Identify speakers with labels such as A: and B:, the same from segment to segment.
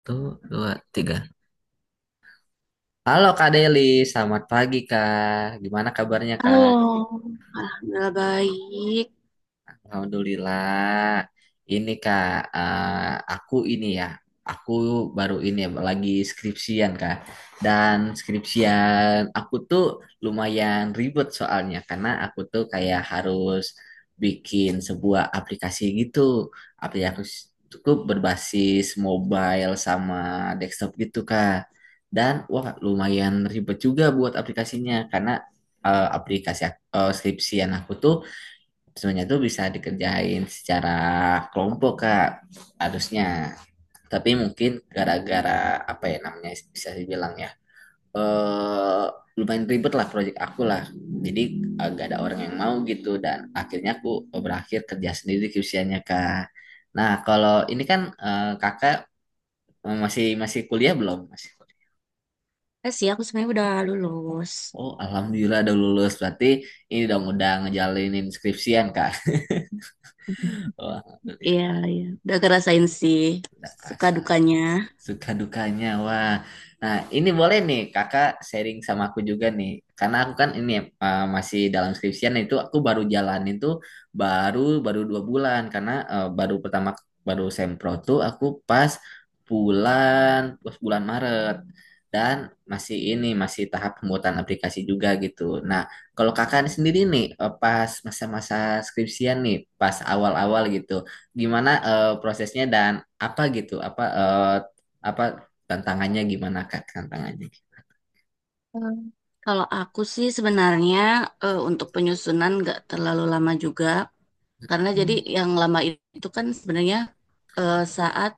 A: Satu, dua, tiga. Halo Kak Deli, selamat pagi Kak. Gimana kabarnya Kak?
B: Halo, alhamdulillah baik.
A: Alhamdulillah. Ini Kak, aku ini ya, aku baru ini ya, lagi skripsian Kak. Dan skripsian aku tuh lumayan ribet soalnya karena aku tuh kayak harus bikin sebuah aplikasi gitu. Aplikasi cukup berbasis mobile sama desktop gitu Kak. Dan wah lumayan ribet juga buat aplikasinya karena skripsian aku tuh sebenarnya itu bisa dikerjain secara kelompok kak harusnya, tapi mungkin gara-gara apa ya namanya bisa dibilang ya, eh lumayan ribet lah proyek aku lah, jadi agak ada orang yang mau gitu dan akhirnya aku berakhir kerja sendiri QC-nya kak. Nah kalau ini kan, kakak masih masih kuliah belum masih kuliah.
B: Sih, aku sebenarnya udah lulus.
A: Oh, alhamdulillah udah lulus. Berarti ini dong udah ngejalanin skripsian, Kak. Oh,
B: Iya,
A: alhamdulillah.
B: iya. Udah ngerasain sih
A: Udah
B: suka
A: kerasa.
B: dukanya.
A: Suka dukanya, wah. Nah, ini boleh nih kakak sharing sama aku juga nih. Karena aku kan ini, masih dalam skripsian itu aku baru jalanin tuh baru baru dua bulan karena baru pertama baru sempro tuh aku pas bulan pas bulan Maret, dan masih ini masih tahap pembuatan aplikasi juga gitu. Nah, kalau kakak sendiri nih, pas masa-masa skripsian nih pas awal-awal gitu, gimana prosesnya dan apa gitu apa eh, apa tantangannya gimana kak tantangannya.
B: Hmm. Kalau aku sih sebenarnya untuk penyusunan nggak terlalu lama juga. Karena jadi
A: Hmm,
B: yang lama itu kan sebenarnya saat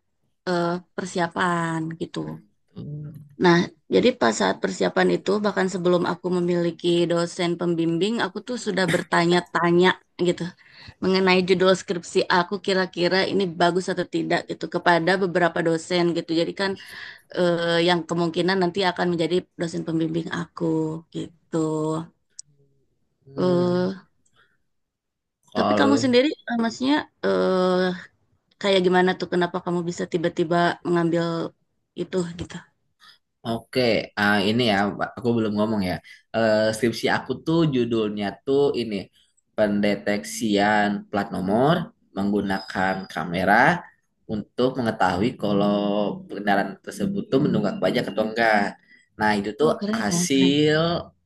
B: eh, persiapan gitu.
A: gitu.
B: Nah, jadi pas saat persiapan itu, bahkan sebelum aku memiliki dosen pembimbing, aku tuh sudah bertanya-tanya gitu mengenai judul skripsi aku kira-kira ini bagus atau tidak gitu kepada beberapa dosen gitu. Jadi kan yang kemungkinan nanti akan menjadi dosen pembimbing aku gitu.
A: Hmm,
B: eh tapi kamu
A: kalau
B: sendiri, maksudnya eh kayak gimana tuh, kenapa kamu bisa tiba-tiba mengambil itu gitu?
A: Oke, ini ya, aku belum ngomong ya. Skripsi aku tuh judulnya tuh ini, pendeteksian plat nomor menggunakan kamera untuk mengetahui kalau kendaraan tersebut tuh menunggak pajak atau enggak. Nah, itu tuh
B: Oh, keren ya, keren.
A: hasil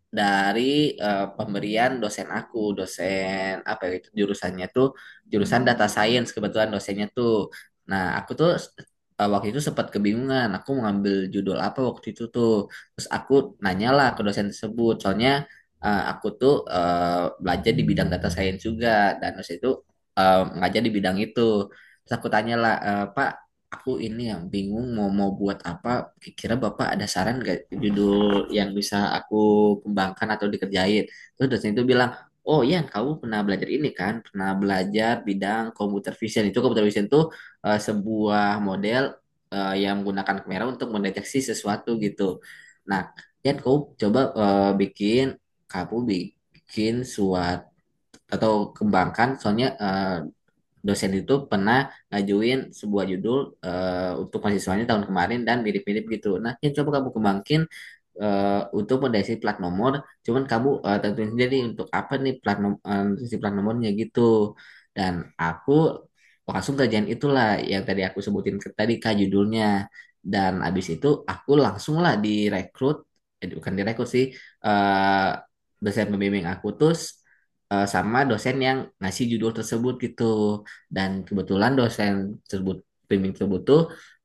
A: dari pemberian dosen aku, dosen apa ya itu jurusannya tuh jurusan data science kebetulan dosennya tuh. Nah, aku tuh waktu itu sempat kebingungan aku mau ngambil judul apa waktu itu tuh, terus aku nanyalah ke dosen tersebut soalnya aku tuh belajar di bidang data science juga, dan terus itu ngajar di bidang itu. Terus aku tanyalah, "Eh, Pak, aku ini yang bingung mau mau buat apa, kira Bapak ada saran gak judul yang bisa aku kembangkan atau dikerjain." Terus dosen itu bilang, "Oh iya, kamu pernah belajar ini kan? Pernah belajar bidang computer vision. Itu computer vision tuh sebuah model yang menggunakan kamera untuk mendeteksi sesuatu gitu. Nah, Jan, kau coba kamu bikin suatu atau kembangkan, soalnya dosen itu pernah ngajuin sebuah judul untuk mahasiswanya tahun kemarin dan mirip-mirip gitu. Nah, ya coba kamu kembangkin untuk potensi plat nomor, cuman kamu tentuin sendiri untuk apa nih si plat nomornya gitu." Dan aku langsung kerjaan itulah yang tadi aku sebutin ke tadi kak judulnya. Dan abis itu aku langsung lah direkrut, eh, bukan direkrut sih, eh, dosen pembimbing aku terus sama dosen yang ngasih judul tersebut gitu. Dan kebetulan dosen tersebut pembimbing tersebut tuh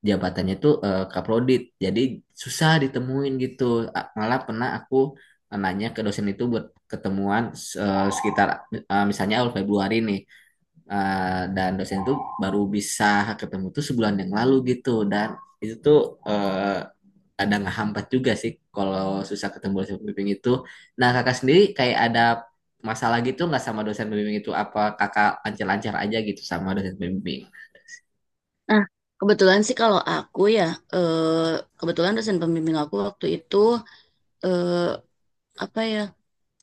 A: jabatannya tuh kaprodit, jadi susah ditemuin gitu. Malah pernah aku nanya ke dosen itu buat ketemuan sekitar misalnya awal Februari nih. Dan dosen itu baru bisa ketemu tuh sebulan yang lalu gitu, dan itu tuh ada ngehambat juga sih kalau susah ketemu dosen pembimbing itu. Nah kakak sendiri kayak ada masalah gitu nggak sama dosen pembimbing itu, apa kakak lancar-lancar aja gitu sama dosen pembimbing
B: Nah, kebetulan sih kalau aku ya, eh kebetulan dosen pembimbing aku waktu itu eh apa ya,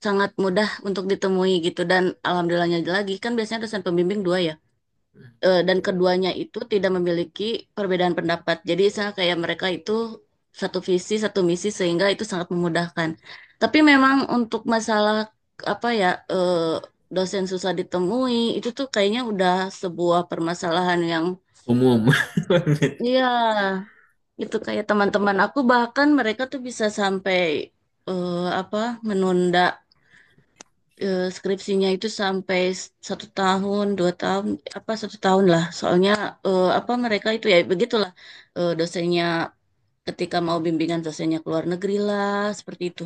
B: sangat mudah untuk ditemui gitu, dan alhamdulillahnya lagi kan biasanya dosen pembimbing dua ya. Dan keduanya itu tidak memiliki perbedaan pendapat, jadi misalnya kayak mereka itu satu visi satu misi sehingga itu sangat memudahkan. Tapi memang untuk masalah apa ya, eh, dosen susah ditemui itu tuh kayaknya udah sebuah permasalahan yang,
A: umum?
B: iya, itu kayak teman-teman aku bahkan mereka tuh bisa sampai eh, apa, menunda skripsinya itu sampai satu tahun, dua tahun, apa satu tahun lah. Soalnya apa, mereka itu ya begitulah, dosennya ketika mau bimbingan dosennya keluar negeri lah, seperti itu.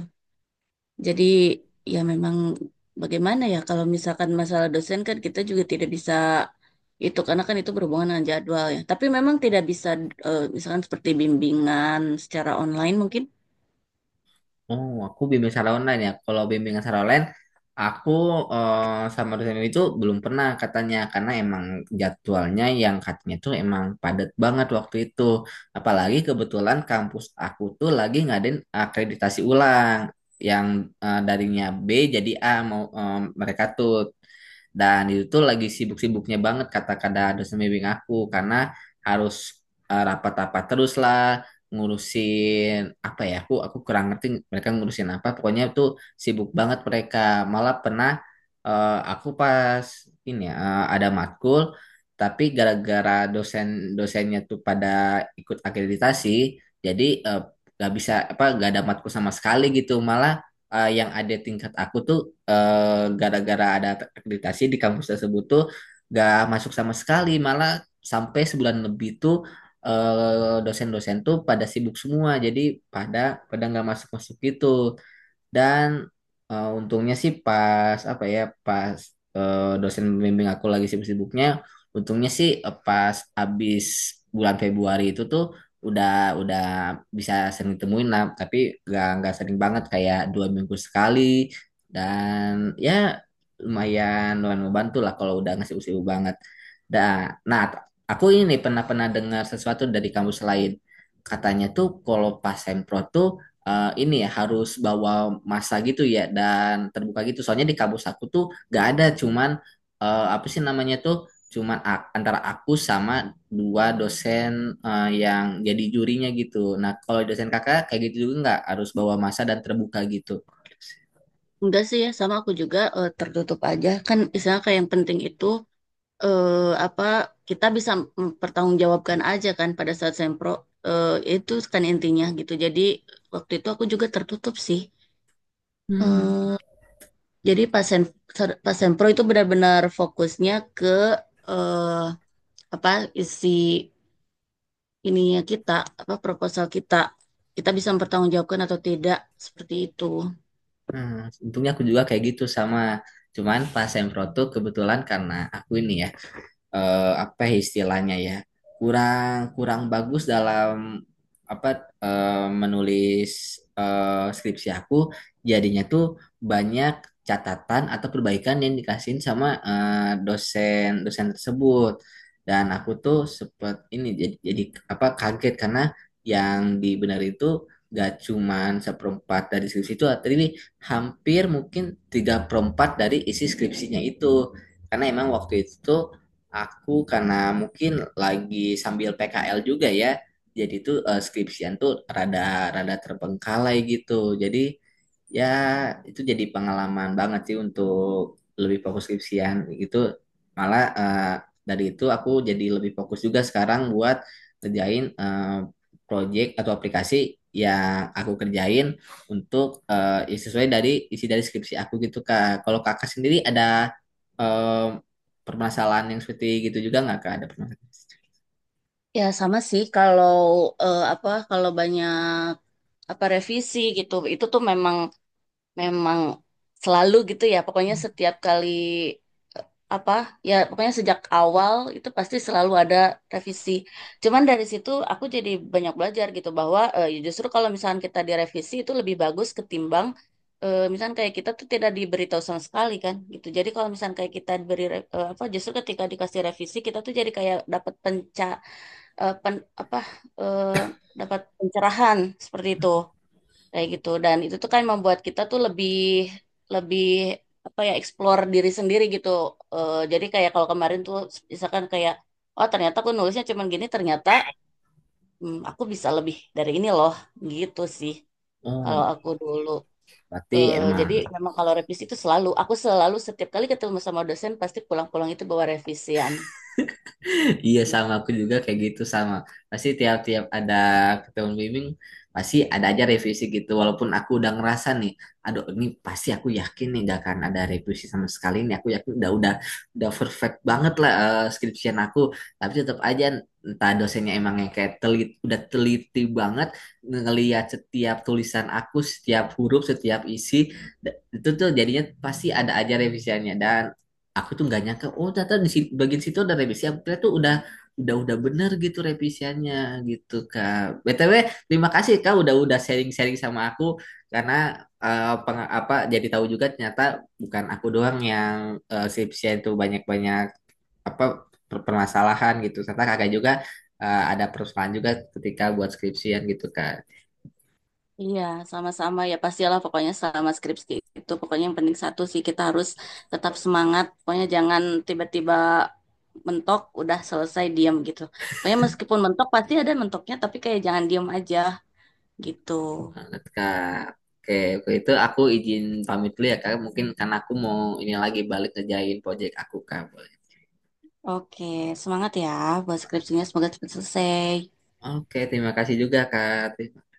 B: Jadi ya memang bagaimana ya, kalau misalkan masalah dosen kan kita juga tidak bisa itu, karena kan itu berhubungan dengan jadwal ya. Tapi memang tidak bisa, misalkan seperti bimbingan secara online mungkin.
A: Oh, aku bimbing secara online ya. Kalau bimbingan secara online, aku eh, sama dosen itu belum pernah katanya karena emang jadwalnya yang katanya tuh emang padat banget waktu itu. Apalagi kebetulan kampus aku tuh lagi ngadain akreditasi ulang yang darinya B jadi A mau mereka tuh. Dan itu tuh lagi sibuk-sibuknya banget kata kata dosen bimbing aku karena harus rapat-rapat terus lah ngurusin apa ya, aku kurang ngerti mereka ngurusin apa, pokoknya tuh sibuk banget mereka. Malah pernah aku pas ini ya ada matkul tapi gara-gara dosen-dosennya tuh pada ikut akreditasi, jadi nggak bisa apa nggak ada matkul sama sekali gitu. Malah yang ada tingkat aku tuh gara-gara ada akreditasi di kampus tersebut tuh gak masuk sama sekali malah, sampai sebulan lebih tuh dosen-dosen tuh pada sibuk semua jadi pada pada nggak masuk-masuk gitu. Dan untungnya sih pas apa ya, pas dosen pembimbing aku lagi sibuk-sibuknya, untungnya sih pas abis bulan Februari itu tuh udah udah bisa sering temuin lah, tapi gak nggak sering banget kayak dua minggu sekali. Dan ya lumayan lumayan membantu lah kalau udah ngasih sibuk banget. Nah, nah, aku ini pernah pernah dengar sesuatu dari kampus lain. Katanya tuh kalau pas sempro tuh ini ya harus bawa masa gitu ya dan terbuka gitu. Soalnya di kampus aku tuh gak ada, cuman apa sih namanya tuh, cuman antara aku sama dua dosen yang jadi jurinya gitu. Nah kalau dosen kakak kayak gitu juga nggak harus bawa masa dan terbuka gitu.
B: Enggak sih ya, sama aku juga tertutup aja. Kan misalnya kayak yang penting itu, apa, kita bisa mempertanggungjawabkan aja kan pada saat sempro, itu kan intinya gitu. Jadi waktu itu aku juga tertutup sih.
A: Hmm.
B: Eh, jadi pas pas sempro itu benar-benar fokusnya ke, eh, apa, isi ininya kita, apa proposal kita kita bisa mempertanggungjawabkan atau tidak, seperti itu.
A: Hmm, untungnya aku juga kayak gitu sama. Cuman pas sempro tuh kebetulan karena aku ini ya apa ya istilahnya ya, kurang kurang bagus dalam apa menulis skripsi aku, jadinya tuh banyak catatan atau perbaikan yang dikasihin sama dosen dosen tersebut. Dan aku tuh sempet ini jadi apa kaget karena yang dibenerin itu gak cuman seperempat dari skripsi itu, tapi hampir mungkin tiga perempat dari isi skripsinya itu karena emang waktu itu tuh aku karena mungkin lagi sambil PKL juga ya, jadi tuh skripsian tuh rada rada terbengkalai gitu. Jadi ya itu jadi pengalaman banget sih untuk lebih fokus skripsian gitu. Malah dari itu aku jadi lebih fokus juga sekarang buat kerjain project atau aplikasi yang aku kerjain untuk ya sesuai dari isi dari skripsi aku gitu Kak. Kalau Kakak sendiri ada eh, permasalahan yang seperti gitu juga nggak kak ada permasalahan?
B: Ya sama sih kalau apa, kalau banyak apa revisi gitu, itu tuh memang memang selalu gitu ya, pokoknya setiap kali apa ya, pokoknya sejak awal itu pasti selalu ada revisi, cuman dari situ aku jadi banyak belajar gitu bahwa ya justru kalau misalkan kita direvisi itu lebih bagus ketimbang, misalkan kayak kita tuh tidak diberitahu sama sekali kan gitu. Jadi kalau misalkan kayak kita apa, justru ketika dikasih revisi kita tuh jadi kayak dapat apa, eh, dapat pencerahan seperti itu, kayak gitu, dan itu tuh kan membuat kita tuh lebih lebih apa ya, explore diri sendiri gitu. Jadi kayak kalau kemarin tuh misalkan kayak, oh ternyata aku nulisnya cuman gini, ternyata aku bisa lebih dari ini loh, gitu sih kalau
A: Oh,
B: aku dulu.
A: berarti
B: Eh,
A: emang
B: jadi memang kalau revisi itu selalu, aku selalu setiap kali ketemu sama dosen pasti pulang-pulang itu bawa revisian.
A: iya sama aku juga kayak gitu sama. Pasti tiap-tiap ada ketemu bimbing pasti ada aja revisi gitu. Walaupun aku udah ngerasa nih, aduh ini pasti aku yakin nih gak akan ada revisi sama sekali nih. Aku yakin udah udah perfect banget lah skripsian aku. Tapi tetap aja entah dosennya emang yang kayak telit, udah teliti banget ngelihat setiap tulisan aku, setiap huruf, setiap isi. Itu tuh jadinya pasti ada aja revisiannya. Dan aku tuh nggak nyangka oh ternyata di bagian situ ada revisi, aku kira tuh udah udah bener gitu revisiannya gitu kak. BTW terima kasih kak udah sharing-sharing sama aku karena eh, peng- apa jadi tahu juga ternyata bukan aku doang yang skripsian tuh banyak-banyak apa permasalahan gitu, ternyata kakak juga ada permasalahan juga ketika buat skripsian gitu kak.
B: Iya, sama-sama ya, pastilah pokoknya, sama skripsi itu pokoknya yang penting satu sih, kita harus tetap semangat. Pokoknya jangan tiba-tiba mentok udah selesai diam gitu. Pokoknya meskipun mentok pasti ada mentoknya, tapi kayak jangan diam aja gitu.
A: Banget kak. Oke, oke, itu aku izin pamit dulu ya kak. Mungkin karena aku mau ini lagi balik ngejain project aku kak.
B: Oke, semangat ya buat skripsinya, semoga cepat selesai.
A: Oke, terima kasih juga Kak.